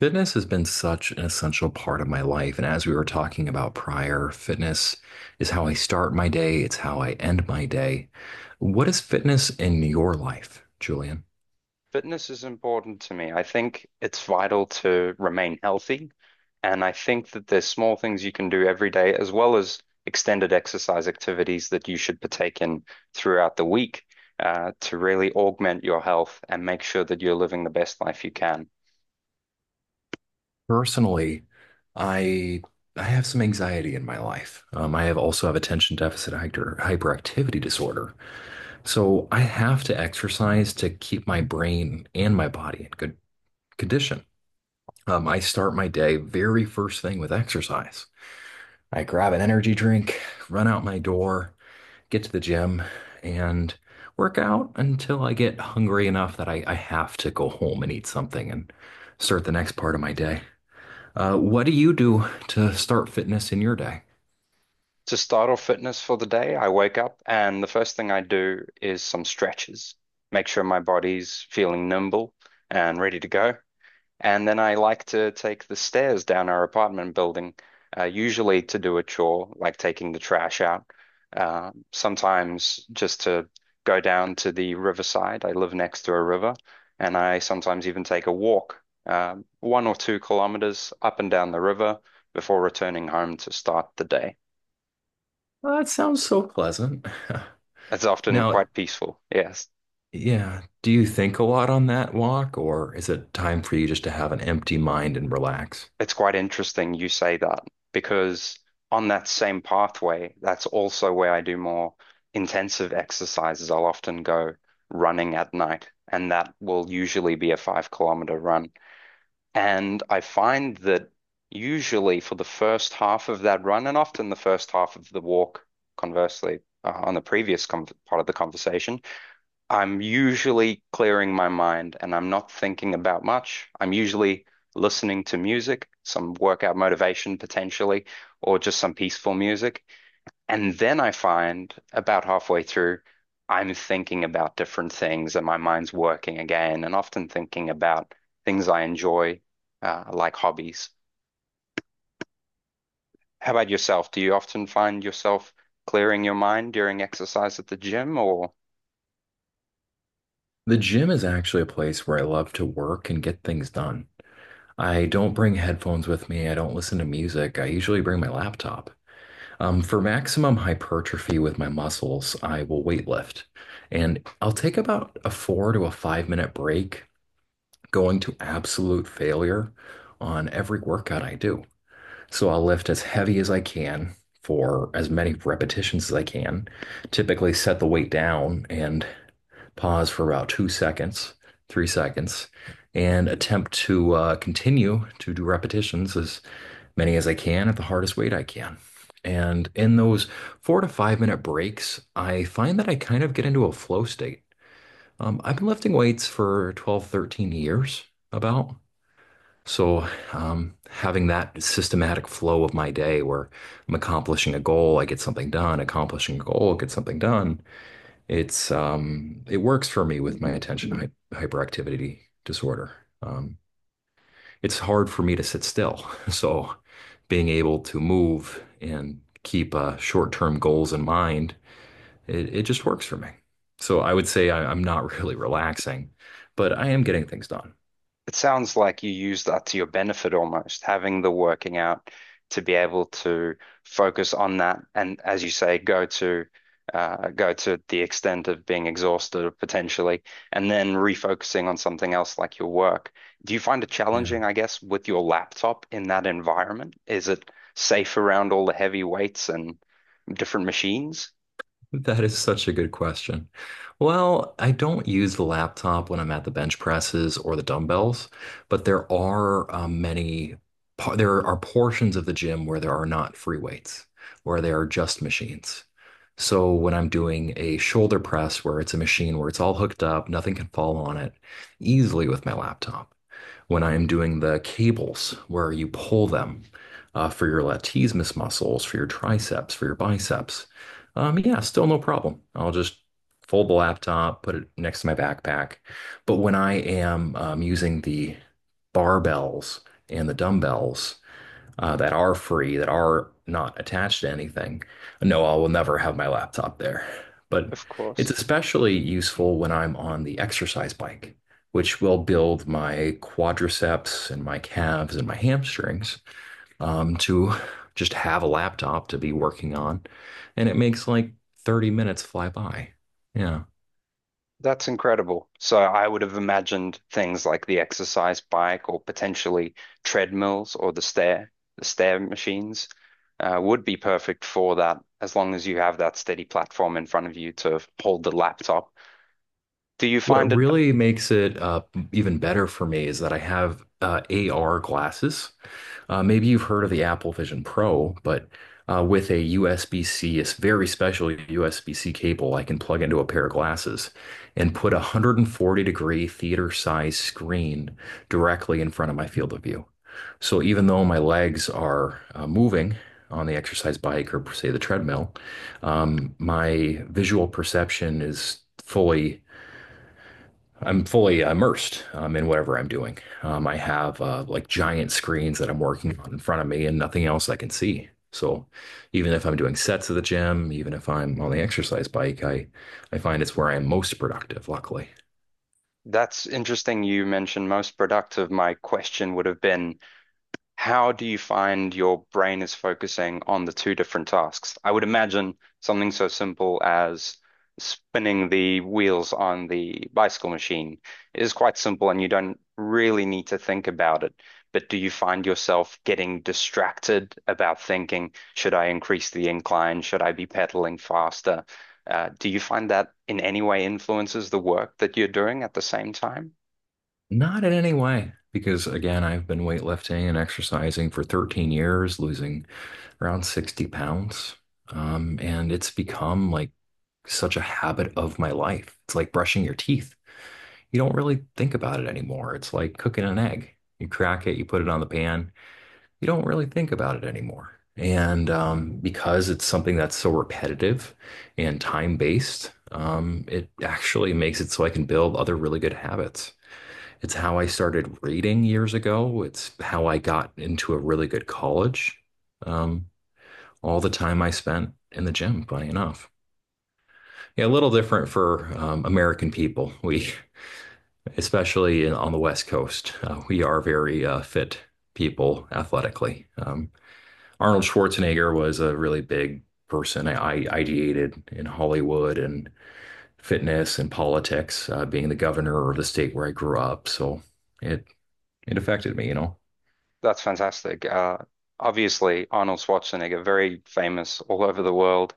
Fitness has been such an essential part of my life. And as we were talking about prior, fitness is how I start my day, it's how I end my day. What is fitness in your life, Julian? Fitness is important to me. I think it's vital to remain healthy. And I think that there's small things you can do every day, as well as extended exercise activities that you should partake in throughout the week, to really augment your health and make sure that you're living the best life you can. Personally, I I have some anxiety in my life. I have also have attention deficit hyperactivity disorder. So I have to exercise to keep my brain and my body in good condition. I start my day very first thing with exercise. I grab an energy drink, run out my door, get to the gym, and work out until I get hungry enough that I have to go home and eat something and start the next part of my day. What do you do to start fitness in your day? To start off fitness for the day, I wake up and the first thing I do is some stretches, make sure my body's feeling nimble and ready to go. And then I like to take the stairs down our apartment building, usually to do a chore, like taking the trash out. Sometimes just to go down to the riverside. I live next to a river, and I sometimes even take a walk, 1 or 2 kilometers up and down the river before returning home to start the day. Well, that sounds so pleasant. It's often Now, quite peaceful, yes. yeah, do you think a lot on that walk, or is it time for you just to have an empty mind and relax? It's quite interesting you say that because on that same pathway, that's also where I do more intensive exercises. I'll often go running at night, and that will usually be a 5 kilometer run. And I find that usually for the first half of that run, and often the first half of the walk, conversely, on the previous part of the conversation, I'm usually clearing my mind and I'm not thinking about much. I'm usually listening to music, some workout motivation potentially, or just some peaceful music. And then I find about halfway through, I'm thinking about different things and my mind's working again, and often thinking about things I enjoy, like hobbies. How about yourself? Do you often find yourself clearing your mind during exercise at the gym or? The gym is actually a place where I love to work and get things done. I don't bring headphones with me. I don't listen to music. I usually bring my laptop. For maximum hypertrophy with my muscles, I will weightlift. And I'll take about a four to a 5-minute break, going to absolute failure on every workout I do. So I'll lift as heavy as I can for as many repetitions as I can, typically set the weight down and pause for about 2 seconds, 3 seconds, and attempt to continue to do repetitions as many as I can at the hardest weight I can. And in those 4 to 5 minute breaks, I find that I kind of get into a flow state. I've been lifting weights for 12, 13 years, about. So, having that systematic flow of my day where I'm accomplishing a goal, I get something done, accomplishing a goal, get something done, it works for me with my attention hyperactivity disorder. Um, it's hard for me to sit still. So being able to move and keep short-term goals in mind, it just works for me. So I would say I'm not really relaxing, but I am getting things done. It sounds like you use that to your benefit almost, having the working out to be able to focus on that and, as you say, go to go to the extent of being exhausted potentially, and then refocusing on something else like your work. Do you find it Yeah. challenging, I guess, with your laptop in that environment? Is it safe around all the heavy weights and different machines? That is such a good question. Well, I don't use the laptop when I'm at the bench presses or the dumbbells, but there are many, there are portions of the gym where there are not free weights, where there are just machines. So when I'm doing a shoulder press where it's a machine where it's all hooked up, nothing can fall on it, easily with my laptop when I am doing the cables where you pull them for your latissimus muscles, for your triceps, for your biceps. Yeah, still no problem. I'll just fold the laptop, put it next to my backpack. But when I am using the barbells and the dumbbells, that are free, that are not attached to anything. No, I will never have my laptop there. But Of it's course. especially useful when I'm on the exercise bike, which will build my quadriceps and my calves and my hamstrings to just have a laptop to be working on. And it makes like 30 minutes fly by. Yeah. That's incredible. So I would have imagined things like the exercise bike or potentially treadmills or the stair machines, would be perfect for that as long as you have that steady platform in front of you to hold the laptop. Do you find What it really makes it even better for me is that I have AR glasses. Maybe you've heard of the Apple Vision Pro, but with a USB-C, very special USB-C cable, I can plug into a pair of glasses and put a 140 degree theater size screen directly in front of my field of view. So even though my legs are moving on the exercise bike or say the treadmill, my visual perception is fully I'm fully immersed in whatever I'm doing. I have like giant screens that I'm working on in front of me and nothing else I can see. So even if I'm doing sets at the gym, even if I'm on the exercise bike, I find it's where I'm most productive, luckily. that's interesting you mentioned most productive? My question would have been how do you find your brain is focusing on the two different tasks? I would imagine something so simple as spinning the wheels on the bicycle machine is quite simple and you don't really need to think about it. But do you find yourself getting distracted about thinking, should I increase the incline? Should I be pedaling faster? Do you find that in any way influences the work that you're doing at the same time? Not in any way, because again, I've been weightlifting and exercising for 13 years, losing around 60 pounds. And it's become like such a habit of my life. It's like brushing your teeth. You don't really think about it anymore. It's like cooking an egg. You crack it, you put it on the pan. You don't really think about it anymore. And because it's something that's so repetitive and time-based, it actually makes it so I can build other really good habits. It's how I started reading years ago. It's how I got into a really good college. Um, all the time I spent in the gym, funny enough. Yeah, a little different for American people. We, especially on the West Coast, we are very fit people athletically. Arnold Schwarzenegger was a really big person. I ideated in Hollywood and fitness and politics, being the governor of the state where I grew up. So it it affected me. That's fantastic. Obviously, Arnold Schwarzenegger, very famous all over the world.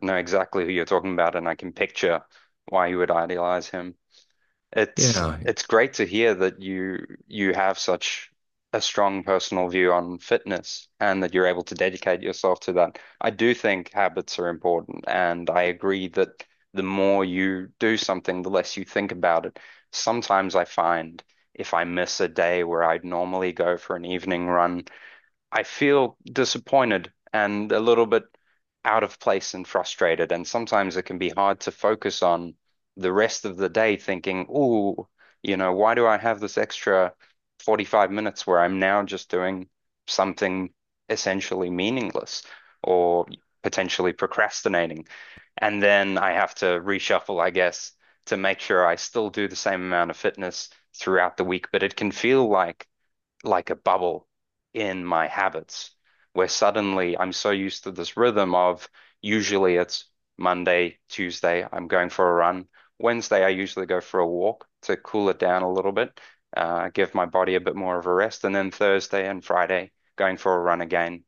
I know exactly who you're talking about, and I can picture why you would idealize him. It's Yeah, it's great to hear that you have such a strong personal view on fitness and that you're able to dedicate yourself to that. I do think habits are important, and I agree that the more you do something, the less you think about it. Sometimes I find if I miss a day where I'd normally go for an evening run, I feel disappointed and a little bit out of place and frustrated. And sometimes it can be hard to focus on the rest of the day thinking, oh, you know, why do I have this extra 45 minutes where I'm now just doing something essentially meaningless or potentially procrastinating? And then I have to reshuffle, I guess, to make sure I still do the same amount of fitness throughout the week. But it can feel like a bubble in my habits where suddenly I'm so used to this rhythm of usually it's Monday, Tuesday, I'm going for a run. Wednesday, I usually go for a walk to cool it down a little bit, give my body a bit more of a rest. And then Thursday and Friday, going for a run again.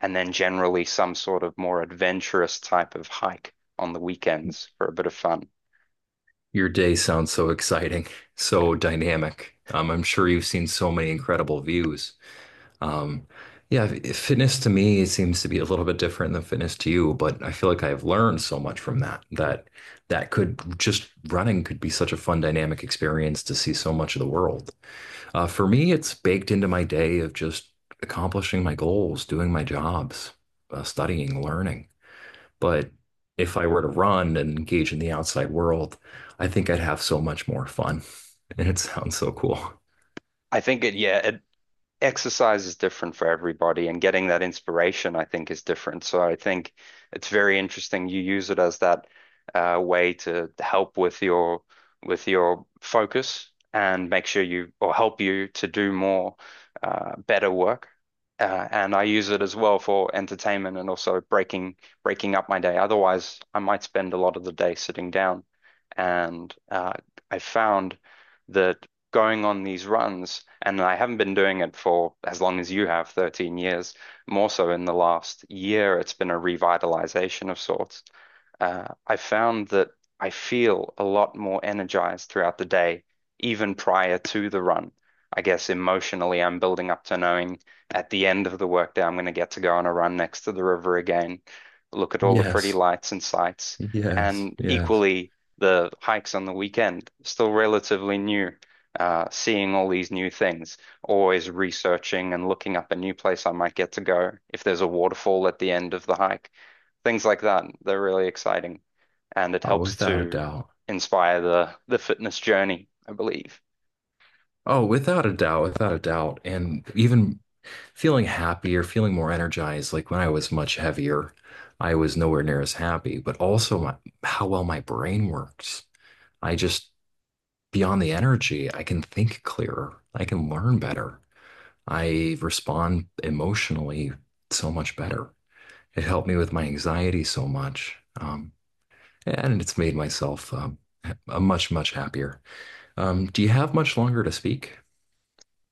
And then generally some sort of more adventurous type of hike on the weekends for a bit of fun. your day sounds so exciting, so dynamic. I'm sure you've seen so many incredible views. Um, yeah, fitness to me seems to be a little bit different than fitness to you, but I feel like I've learned so much from that that that could just running could be such a fun dynamic experience to see so much of the world. For me, it's baked into my day of just accomplishing my goals, doing my jobs, studying, learning. But if I were to run and engage in the outside world, I think I'd have so much more fun. And it sounds so cool. I think it, yeah, it, exercise is different for everybody, and getting that inspiration, I think, is different. So I think it's very interesting. You use it as that way to help with your focus and make sure you or help you to do more better work. And I use it as well for entertainment and also breaking up my day. Otherwise, I might spend a lot of the day sitting down. And I found that going on these runs, and I haven't been doing it for as long as you have, 13 years. More so in the last year, it's been a revitalization of sorts. I found that I feel a lot more energized throughout the day, even prior to the run. I guess emotionally, I'm building up to knowing at the end of the workday, I'm going to get to go on a run next to the river again, look at all the pretty Yes, lights and sights, yes, and yes. equally, the hikes on the weekend, still relatively new seeing all these new things, always researching and looking up a new place I might get to go, if there's a waterfall at the end of the hike, things like that. They're really exciting, and it Oh, helps without a to doubt. inspire the fitness journey, I believe. Oh, without a doubt, without a doubt. And even feeling happier, feeling more energized. Like when I was much heavier, I was nowhere near as happy, but also how well my brain works. I just Beyond the energy, I can think clearer. I can learn better. I respond emotionally so much better. It helped me with my anxiety so much. And it's made myself a much, much happier. Do you have much longer to speak?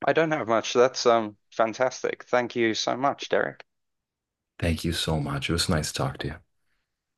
I don't have much. That's fantastic. Thank you so much, Derek. Thank you so much. It was nice to talk to you.